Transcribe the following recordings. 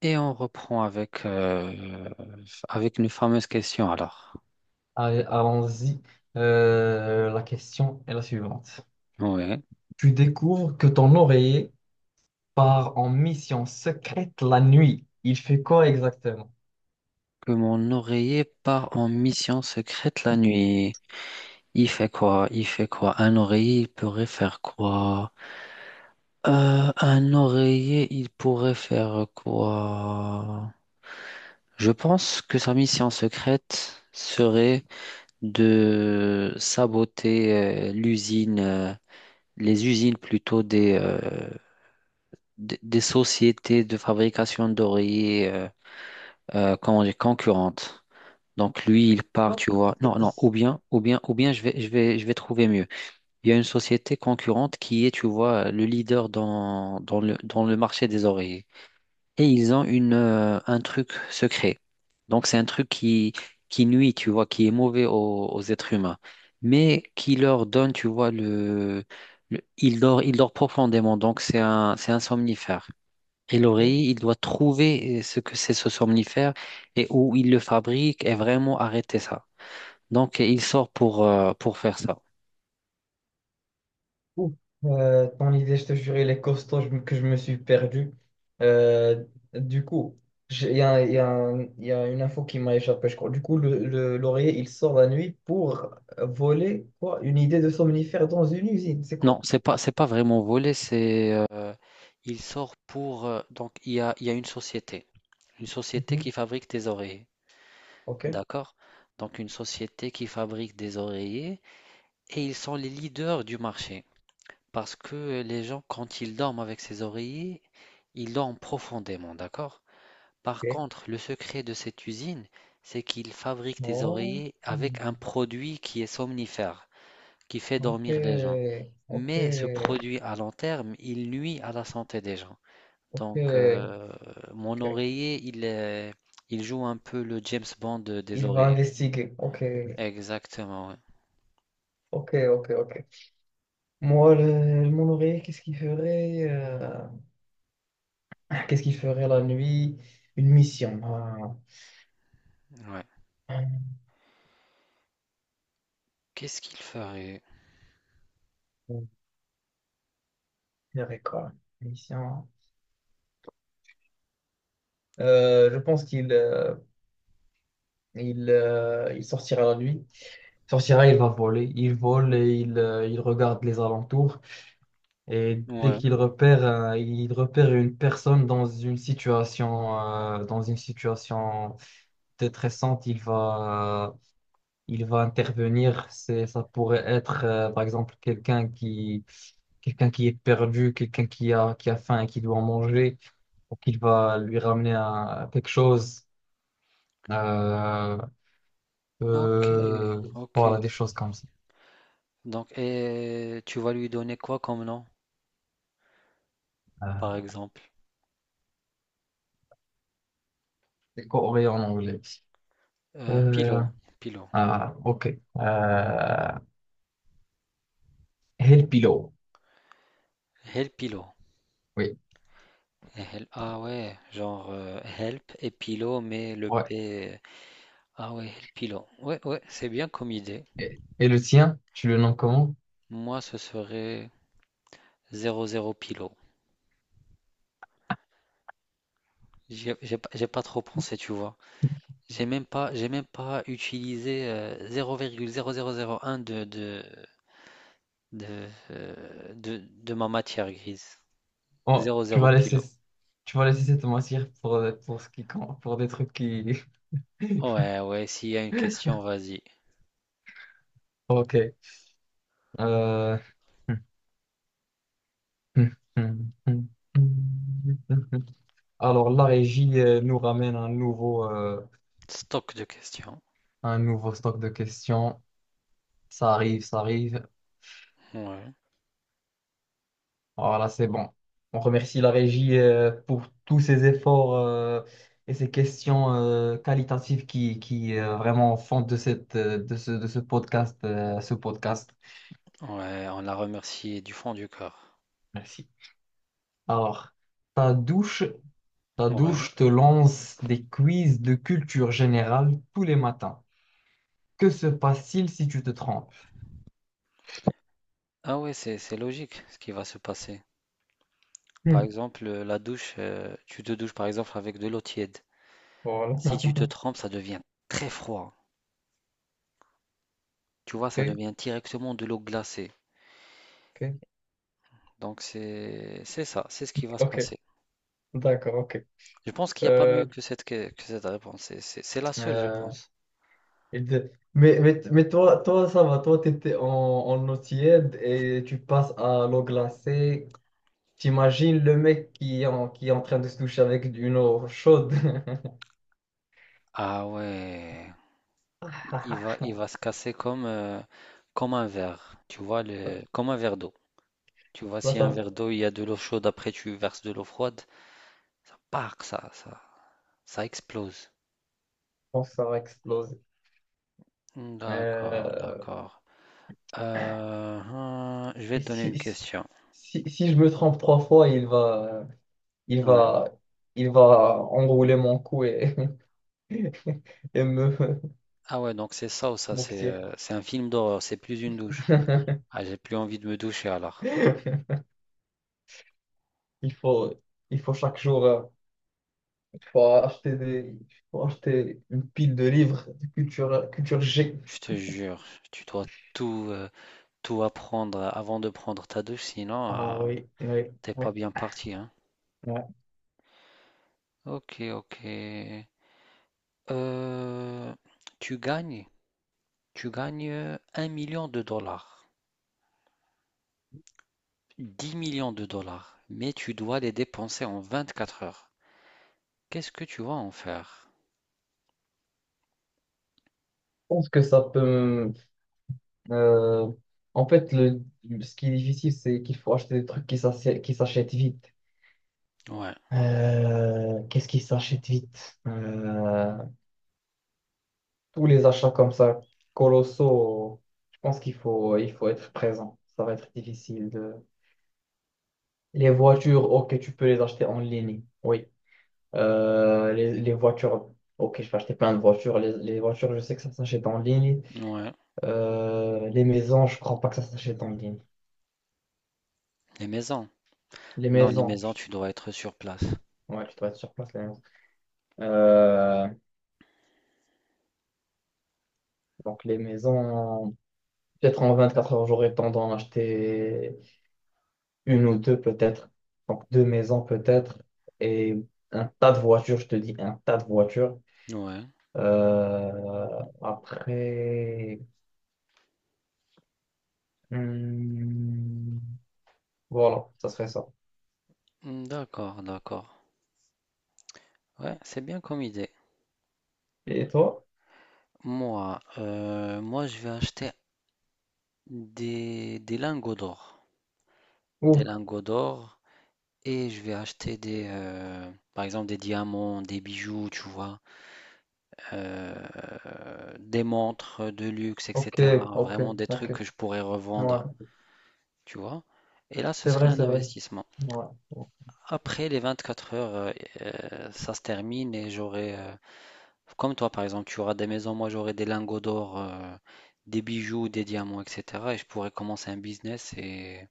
Et on reprend avec une fameuse question alors. Allez, allons-y. La question est la suivante. Ouais. Tu découvres que ton oreiller part en mission secrète la nuit. Il fait quoi exactement? Que mon oreiller part en mission secrète la nuit. Il fait quoi? Il fait quoi? Un oreiller, il pourrait faire quoi? Un oreiller, il pourrait faire quoi? Je pense que sa mission secrète serait de saboter l'usine, les usines plutôt des sociétés de fabrication d'oreillers comment dire, concurrentes. Donc lui, il part, Bon, tu vois. c'est- Non, non, ou c'est- bien, ou bien, ou bien je vais trouver mieux. Il y a une société concurrente qui est, tu vois, le leader dans le marché des oreillers. Et ils ont un truc secret. Donc c'est un truc qui nuit, tu vois, qui est mauvais aux êtres humains. Mais qui leur donne, tu vois, il dort profondément. Donc c'est un somnifère. Et ok. l'oreiller, il doit trouver ce que c'est ce somnifère et où il le fabrique et vraiment arrêter ça. Donc, il sort pour faire ça. Ouh. Ton idée, je te jure, il est costaud que je me suis perdu. Euh, du coup, il y a il y a une info qui m'a échappé, je crois. Du coup, l'oreiller, il sort la nuit pour voler quoi? Une idée de somnifère dans une usine. C'est Non, quoi? c'est pas vraiment voler, il sort donc, il y a une société Mhm. qui fabrique des oreillers. Ok. D'accord? Donc, une société qui fabrique des oreillers et ils sont les leaders du marché parce que les gens, quand ils dorment avec ces oreillers, ils dorment profondément. D'accord? Par Ok. contre, le secret de cette usine, c'est qu'ils fabriquent des Oh, oreillers avec un produit qui est somnifère, qui fait ok, dormir les gens. ok, Mais ce produit à long terme, il nuit à la santé des gens. Donc, ok, mon ok. oreiller, il joue un peu le James Bond des Il va oreillers. investiguer. Ok, Exactement, ouais. ok, ok, ok. Moi, mon oreiller, qu'est-ce qu'il ferait qu'est-ce qu'il ferait la nuit? Une mission. Ah. Ouais. Qu'est-ce qu'il ferait? Il ferait quoi? Une mission. Je pense qu'il il sortira la nuit. Il sortira, il va voler. Il vole et il regarde les alentours. Et dès Ouais. qu'il repère, il repère une personne dans une situation détressante, il va intervenir. Ça pourrait être, par exemple, quelqu'un qui est perdu, qui a faim et qui doit manger, donc il va lui ramener quelque chose. Euh, Ok, euh, ok. voilà, des choses comme ça. Donc, et tu vas lui donner quoi comme nom, par Euh, exemple? des coréens en anglais. Euh, Pilo, Pilo. ah, ok. Euh, Helpilo. El Pilo. Oui, Ah ouais, genre help et pilo, mais le ouais. P. Ah ouais, help pilo. Ouais, ouais, c'est bien comme idée. Et le tien, tu le nommes comment? Moi, ce serait 00 pilo. J'ai pas trop pensé, tu vois. J'ai même pas utilisé 0,0001 de, euh, de, de ma matière grise. Oh, 00 pilo. tu vas laisser cette matière pour ce qui compte, pour des trucs qui. Ouais, ouais, s'il y a une question, vas-y. Ok. Euh, alors, la régie nous ramène Stock de questions. un nouveau stock de questions. Ça arrive, ça arrive. Ouais, Voilà, c'est bon. On remercie la régie pour tous ces efforts et ces questions qualitatives qui vraiment font de de ce podcast, ce podcast. ouais, on la remercie du fond du cœur. Merci. Alors, ta douche, ta Ouais. douche te lance des quiz de culture générale tous les matins. Que se passe-t-il si tu te trompes? Ah ouais, c'est logique ce qui va se passer. Par Hmm. exemple, la douche, tu te douches par exemple avec de l'eau tiède. Voilà. Si tu te trempes, ça devient très froid. Tu vois, ça Ok, devient directement de l'eau glacée. ok, Donc c'est ça, c'est ce qui va se ok. passer. D'accord, ok. Je pense qu'il n'y a pas Euh, mieux que que cette réponse. C'est la seule, je euh, pense. mais toi, toi, ça va, toi, tu étais en eau tiède et tu passes à l'eau glacée. T'imagines le mec qui est en train de se toucher avec une eau chaude. Ah ouais, il va il va se casser comme comme un verre. Tu vois le comme un verre d'eau. Tu vois Là, si un ça, verre je d'eau, il y a de l'eau chaude, après tu verses de l'eau froide, ça part, ça ça ça explose. pense que ça va exploser. D'accord, Euh, d'accord. Hein, je vais et te donner une si, si, question. si, si je me trompe 3 fois, il Ouais. va, il va enrouler mon cou et, et me Ah ouais, donc c'est ça ou ça, c'est m'oxyre. euh, c'est un film d'horreur, c'est plus une douche. Ah, j'ai plus envie de me doucher alors. Il faut, il faut chaque jour. Faut acheter des, Faut acheter une pile de livres de culture, culture G. Je te jure, tu dois tout, euh, tout apprendre avant de prendre ta douche, sinon Ah oui, oui, t'es oui, pas bien parti, hein. ouais. Je Ok, ok. Euh, tu gagnes, tu gagnes, 1 million de dollars, 10 millions de dollars, mais tu dois les dépenser en 24 heures. Qu'est-ce que tu vas en faire? pense que ça peut. me- euh, en fait, le, Ce qui est difficile, c'est qu'il faut acheter des trucs qui s'achètent vite. Ouais, Qu'est-ce qui s'achète vite? Tous les achats comme ça, colossaux, je pense il faut être présent. Ça va être difficile de… Les voitures, ok, tu peux les acheter en ligne. Oui. Les voitures, ok, je vais acheter plein de voitures. Les voitures, je sais que ça s'achète en ligne. ouais. Les maisons, je crois pas que ça s'achète en ligne. Les maisons. Les Non, les maisons, maisons, tu- tu dois être sur place. ouais, tu dois être sur place, les maisons. Euh, donc, les maisons, peut-être en 24 heures, j'aurais tendance à acheter une ou deux, peut-être. Donc, 2 maisons, peut-être. Et un tas de voitures, je te dis, un tas de voitures. Ouais. Après, hmm, voilà, ça serait ça. Hmm, d'accord, d'accord. Ouais, c'est bien comme idée. Et toi? Moi, je vais acheter des lingots d'or. Des Ouh, lingots d'or. Et je vais acheter par exemple, des diamants, des bijoux, tu vois, des montres de luxe, ok, etc. ok, Vraiment des trucs ok. que je pourrais revendre, Ouais, tu vois. Et là, ce c'est serait vrai, un c'est vrai. investissement. Ouais, Après les 24 heures, ça se termine et j'aurai, comme toi par exemple, tu auras des maisons, moi j'aurai des lingots d'or, des bijoux, des diamants, et cetera et je pourrais commencer un business et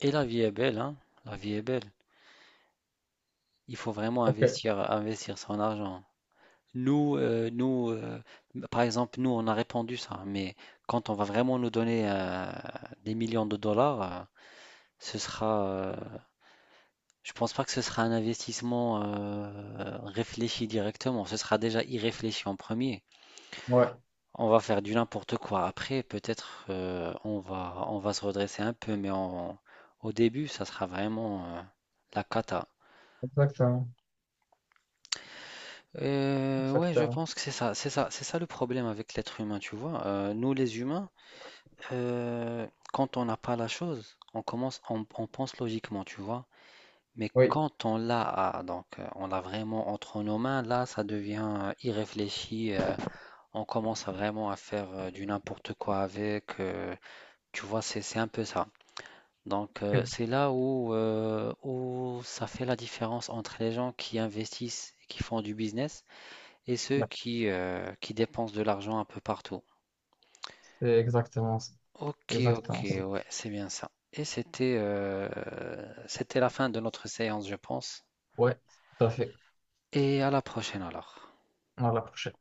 la vie est belle, hein, la vie est belle. Il faut vraiment ok, investir son argent. Nous, par exemple, nous, on a répandu ça, mais quand on va vraiment nous donner, des millions de dollars, ce sera, heu Je pense pas que ce sera un investissement réfléchi directement. Ce sera déjà irréfléchi en premier. ouais, On va faire du n'importe quoi. Après, peut-être on va se redresser un peu, mais au début, ça sera vraiment la cata. exactement, Ouais, je exactement. pense que c'est ça, c'est ça, c'est ça le problème avec l'être humain, tu vois. Nous, les humains, quand on n'a pas la chose, on commence, on pense logiquement, tu vois. Mais Oui, quand on l'a, ah, donc on l'a vraiment entre nos mains, là, ça devient irréfléchi. On commence à vraiment à faire du n'importe quoi avec. Tu vois, c'est un peu ça. Donc oui, c'est là où ça fait la différence entre les gens qui investissent et qui font du business et ceux ouais, qui dépensent de l'argent un peu partout. c'est exactement ça. Ok, ok, Exactement ça. ouais, c'est bien ça. Et c'était c'était la fin de notre séance, je pense. Ouais, tout à fait. Et à la prochaine alors. À la prochaine.